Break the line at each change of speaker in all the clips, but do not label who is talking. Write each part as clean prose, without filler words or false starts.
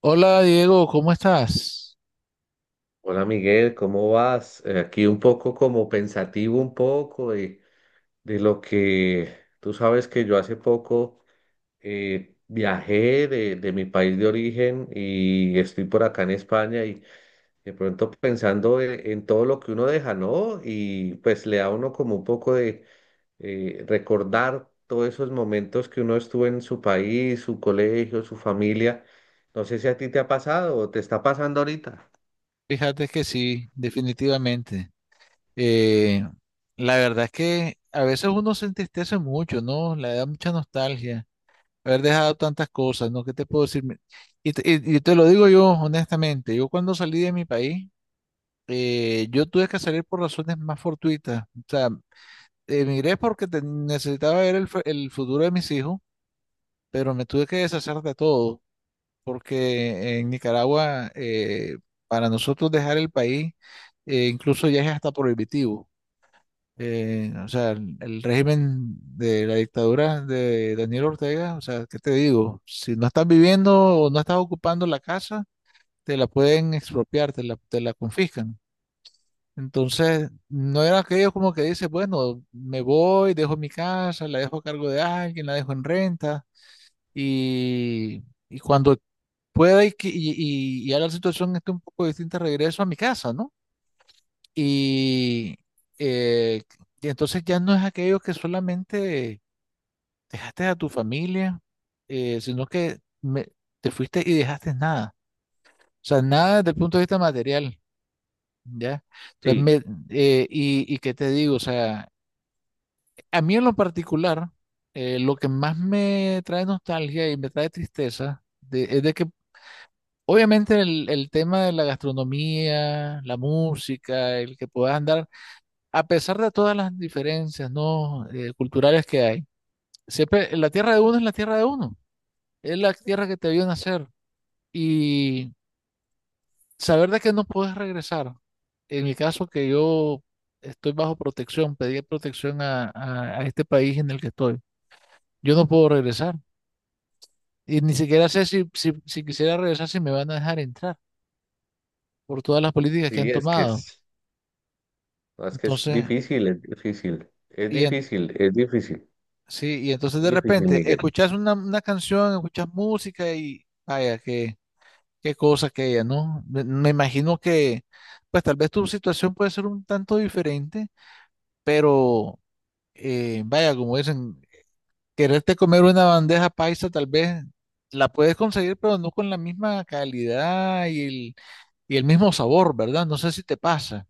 Hola Diego, ¿cómo estás?
Hola Miguel, ¿cómo vas? Aquí un poco como pensativo un poco de lo que tú sabes que yo hace poco viajé de mi país de origen y estoy por acá en España y de pronto pensando en todo lo que uno deja, ¿no? Y pues le da a uno como un poco de recordar todos esos momentos que uno estuvo en su país, su colegio, su familia. No sé si a ti te ha pasado o te está pasando ahorita.
Fíjate que sí, definitivamente. Eh, la verdad es que a veces uno se entristece mucho, ¿no? Le da mucha nostalgia haber dejado tantas cosas, ¿no? ¿Qué te puedo decir? Y te lo digo yo honestamente, yo cuando salí de mi país, yo tuve que salir por razones más fortuitas. O sea, necesitaba ver el futuro de mis hijos, pero me tuve que deshacer de todo, porque en Nicaragua, para nosotros dejar el país, incluso ya es hasta prohibitivo. O sea, el régimen de la dictadura de Daniel Ortega, o sea, ¿qué te digo? Si no estás viviendo o no estás ocupando la casa, te la pueden expropiar, te la confiscan. Entonces, no era aquello como que dices, bueno, me voy, dejo mi casa, la dejo a cargo de alguien, la dejo en renta y, y cuando puede que, y ya la situación esté un poco distinta, regreso a mi casa, ¿no? Y, eh, y entonces ya no es aquello que solamente dejaste a tu familia, sino que te fuiste y dejaste nada. O sea, nada desde el punto de vista material, ¿ya? Entonces,
Sí,
me, y qué te digo, o sea, a mí en lo particular, lo que más me trae nostalgia y me trae tristeza es de que, obviamente, el tema de la gastronomía, la música, el que puedas andar, a pesar de todas las diferencias, ¿no? Culturales que hay, siempre la tierra de uno es la tierra de uno, es la tierra que te vio nacer, y saber de que no puedes regresar. En mi caso, que yo estoy bajo protección, pedí protección a, a este país en el que estoy, yo no puedo regresar y ni siquiera sé si quisiera regresar si me van a dejar entrar por todas las políticas que han
sí, es que
tomado.
es. No, es que es
Entonces,
difícil,
Y, en- sí, y entonces
es
de
difícil,
repente
Miguel.
escuchas una canción, escuchas música y vaya, qué, qué cosa que ella, ¿no? Me imagino que pues tal vez tu situación puede ser un tanto diferente, pero, vaya, como dicen, quererte comer una bandeja paisa, tal vez la puedes conseguir, pero no con la misma calidad y y el mismo sabor, ¿verdad? No sé si te pasa.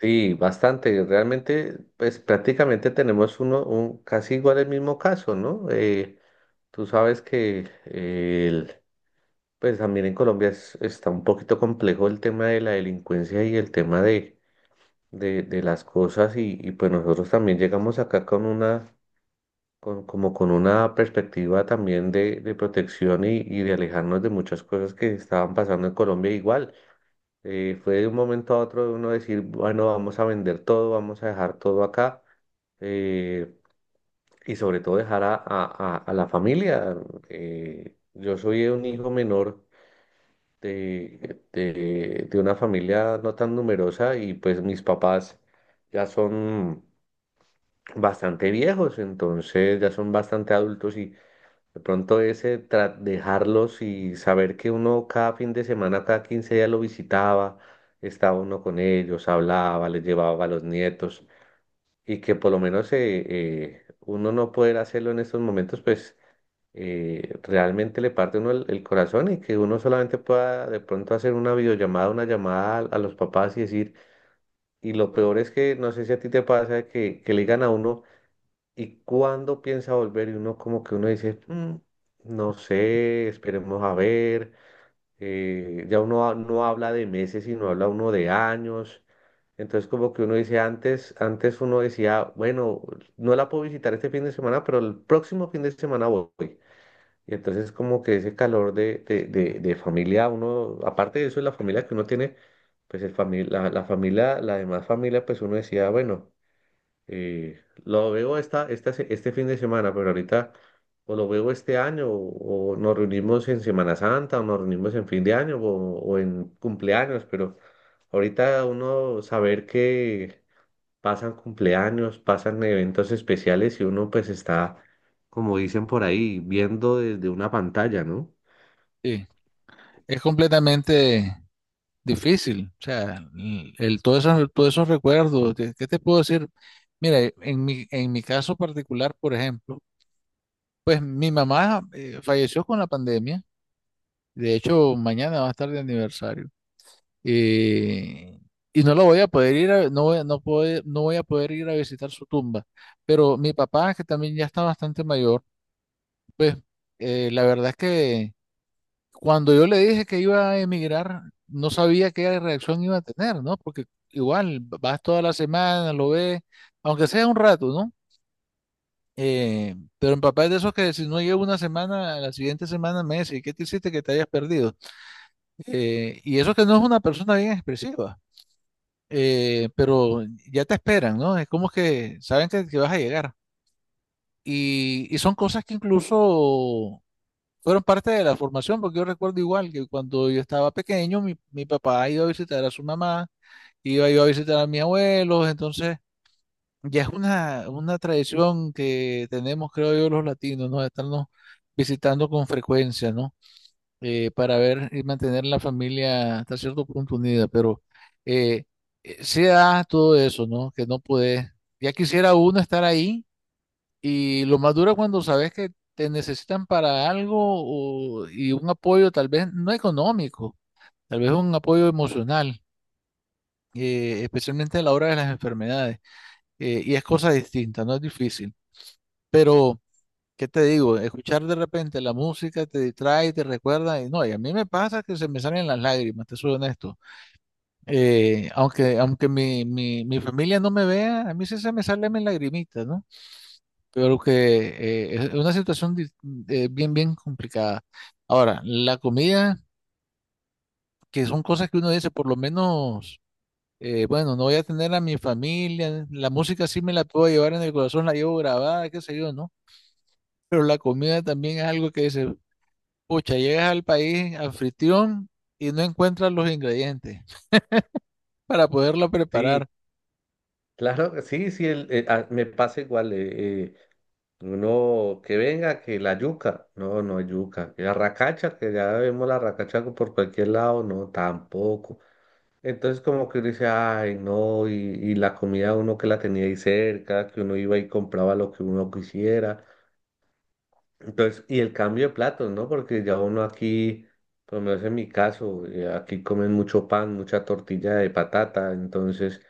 Sí, bastante. Realmente, pues prácticamente tenemos un casi igual el mismo caso, ¿no? Tú sabes que pues también en Colombia está un poquito complejo el tema de la delincuencia y el tema de las cosas y pues nosotros también llegamos acá con como con una perspectiva también de protección y de alejarnos de muchas cosas que estaban pasando en Colombia igual. Fue de un momento a otro de uno decir, bueno, vamos a vender todo, vamos a dejar todo acá. eh, y sobre todo dejar a la familia. Yo soy un hijo menor de una familia no tan numerosa y pues mis papás ya son bastante viejos, entonces ya son bastante adultos y de pronto ese dejarlos y saber que uno cada fin de semana, cada 15 días lo visitaba, estaba uno con ellos, hablaba, les llevaba a los nietos y que por lo menos uno no poder hacerlo en estos momentos, pues realmente le parte a uno el corazón y que uno solamente pueda de pronto hacer una videollamada, una llamada a los papás y decir, y lo peor es que no sé si a ti te pasa que le digan a uno y cuando piensa volver y uno como que uno dice, "Mm, no sé, esperemos a ver, ya uno no habla de meses, sino habla uno de años, entonces como que uno dice, antes, antes uno decía, bueno, no la puedo visitar este fin de semana, pero el próximo fin de semana voy. Y entonces como que ese calor de familia, uno, aparte de eso, la familia que uno tiene, pues el la familia, la demás familia, pues uno decía, bueno. Lo veo este fin de semana, pero ahorita o lo veo este año o nos reunimos en Semana Santa o nos reunimos en fin de año o en cumpleaños, pero ahorita uno saber que pasan cumpleaños, pasan eventos especiales y uno pues está, como dicen por ahí, viendo desde una pantalla, ¿no?
Sí, es completamente... difícil, o sea, todos esos recuerdos, ¿qué qué te puedo decir? Mira, en mi caso particular, por ejemplo, pues mi mamá, falleció con la pandemia, de hecho mañana va a estar de aniversario, eh, y no lo voy a poder ir a, no voy a poder ir a visitar su tumba, pero mi papá, que también ya está bastante mayor, pues, la verdad es que cuando yo le dije que iba a emigrar, no sabía qué reacción iba a tener, ¿no? Porque igual vas toda la semana, lo ves, aunque sea un rato, ¿no? Pero mi papá es de esos que si no llevo una semana, a la siguiente semana me dice, ¿qué te hiciste que te hayas perdido? Y eso que no es una persona bien expresiva, pero ya te esperan, ¿no? Es como que saben que vas a llegar. Y son cosas que incluso fueron parte de la formación, porque yo recuerdo igual que cuando yo estaba pequeño, mi papá iba a visitar a su mamá, iba yo a visitar a mis abuelos, entonces ya es una tradición que tenemos, creo yo, los latinos, ¿no? De estarnos visitando con frecuencia, ¿no? Para ver y mantener la familia hasta cierto punto unida, pero eh, se da todo eso, ¿no? Que no puede, ya quisiera uno estar ahí, y lo más duro es cuando sabes que te necesitan para algo y un apoyo tal vez no económico, tal vez un apoyo emocional, especialmente a la hora de las enfermedades. Y es cosa distinta, no es difícil. Pero, ¿qué te digo? Escuchar de repente la música te distrae, te recuerda. Y no, y a mí me pasa que se me salen las lágrimas, te soy honesto. Aunque mi familia no me vea, a mí sí se me salen mis lagrimitas, ¿no? Creo que es una situación bien, bien complicada. Ahora, la comida, que son cosas que uno dice, por lo menos, bueno, no voy a tener a mi familia, la música sí me la puedo llevar en el corazón, la llevo grabada, qué sé yo, ¿no? Pero la comida también es algo que dice, pucha, llegas al país anfitrión y no encuentras los ingredientes para poderlo
Sí,
preparar.
claro, sí, sí, me pasa igual. Uno, que venga, que la yuca. No, no hay yuca. Que la racacha, que ya vemos la racacha por cualquier lado. No, tampoco. Entonces como que uno dice, ay, no, y la comida uno que la tenía ahí cerca, que uno iba y compraba lo que uno quisiera. Entonces, y el cambio de platos, ¿no? Porque ya uno aquí, por lo menos en mi caso, aquí comen mucho pan, mucha tortilla de patata, entonces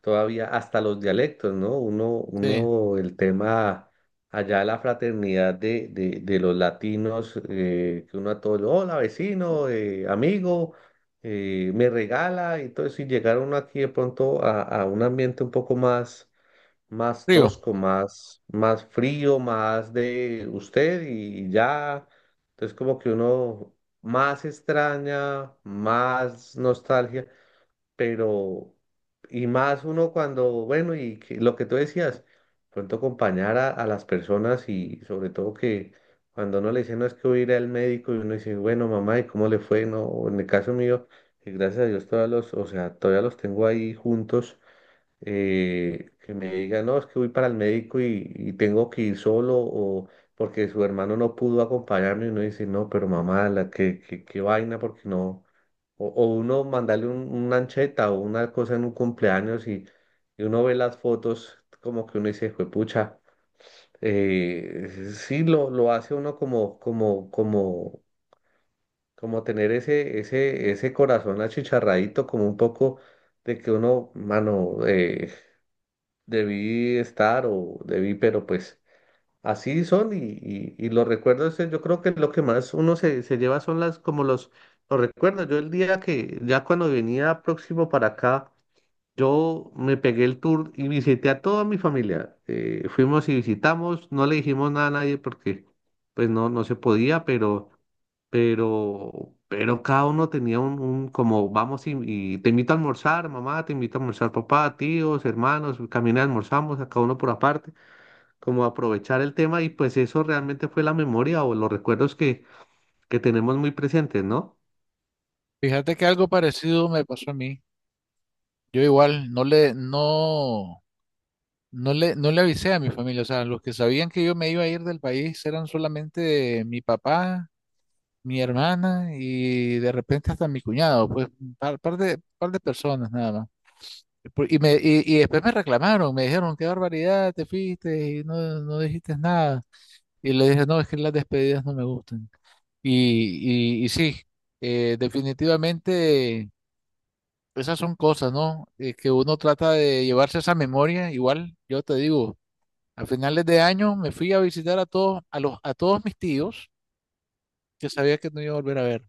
todavía hasta los dialectos, ¿no?
Sí,
El tema allá de la fraternidad de los latinos, que uno a todos, hola vecino, amigo, me regala, entonces si llegar uno aquí de pronto a un ambiente un poco más
río,
tosco, más frío, más de usted y ya. Entonces como que uno más extraña, más nostalgia, pero y más uno cuando, bueno, lo que tú decías, pronto acompañar a las personas y sobre todo que cuando uno le dice, no es que voy a ir al médico y uno dice, bueno, mamá, ¿y cómo le fue? No, en el caso mío, que gracias a Dios todavía o sea, todavía los tengo ahí juntos que me diga, no, es que voy para el médico y tengo que ir solo o porque su hermano no pudo acompañarme y uno dice, no, pero mamá, qué, qué vaina, porque no. O uno mandarle una ancheta o una cosa en un cumpleaños y uno ve las fotos como que uno dice, juepucha, eh, lo hace uno como tener ese corazón achicharradito, como un poco de que uno, mano, debí estar o debí, pero pues así son y los recuerdos, yo creo que lo que más uno se lleva son los recuerdos. Yo el día que, ya cuando venía próximo para acá, yo me pegué el tour y visité a toda mi familia. Fuimos y visitamos, no le dijimos nada a nadie porque pues no, no se podía, pero, pero cada uno tenía un como vamos y te invito a almorzar, mamá, te invito a almorzar, papá, tíos, hermanos, caminé, almorzamos, a cada uno por aparte, como aprovechar el tema y pues eso realmente fue la memoria o los recuerdos que tenemos muy presentes, ¿no?
fíjate que algo parecido me pasó a mí. Yo igual, no. No le avisé a mi familia, o sea, los que sabían que yo me iba a ir del país eran solamente mi papá, mi hermana y de repente hasta mi cuñado, pues un par, par de personas nada más. Y, y después me reclamaron, me dijeron, qué barbaridad, te fuiste y no, no dijiste nada. Y le dije, no, es que las despedidas no me gustan. Y sí, definitivamente esas son cosas, ¿no? Que uno trata de llevarse esa memoria. Igual, yo te digo, a finales de año me fui a visitar a todos, a todos mis tíos que sabía que no iba a volver a ver.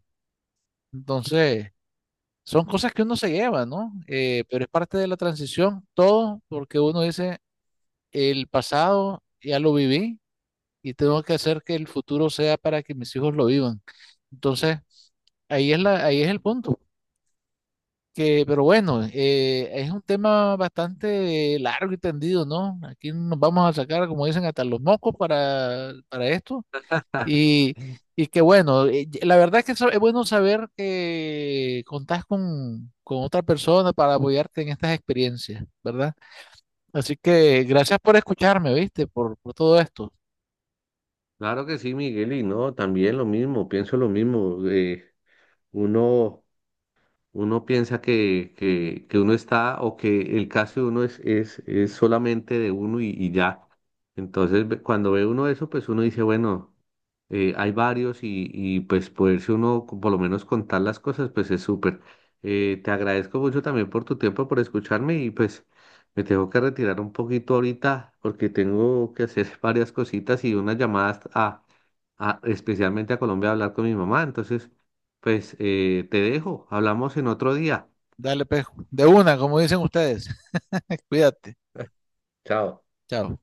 Entonces, son cosas que uno se lleva, ¿no? Pero es parte de la transición, todo, porque uno dice, el pasado ya lo viví y tengo que hacer que el futuro sea para que mis hijos lo vivan. Entonces, ahí es el punto. Que, pero bueno, es un tema bastante largo y tendido, ¿no? Aquí nos vamos a sacar, como dicen, hasta los mocos para esto. Y, y que bueno, la verdad que eso es bueno, saber que contás con otra persona para apoyarte en estas experiencias, ¿verdad? Así que gracias por escucharme, ¿viste? Por todo esto.
Claro que sí, Miguel, y no, también lo mismo, pienso lo mismo. Uno... Uno piensa que uno está o que el caso de uno es solamente de uno y ya. Entonces, cuando ve uno eso, pues uno dice, bueno, hay varios y pues poderse uno por lo menos contar las cosas, pues es súper. Te agradezco mucho también por tu tiempo, por escucharme y pues me tengo que retirar un poquito ahorita porque tengo que hacer varias cositas y unas llamadas a especialmente a Colombia a hablar con mi mamá. Entonces... Pues te dejo, hablamos en otro día.
Dale, pejo. De una, como dicen ustedes. Cuídate.
Chao.
Chao.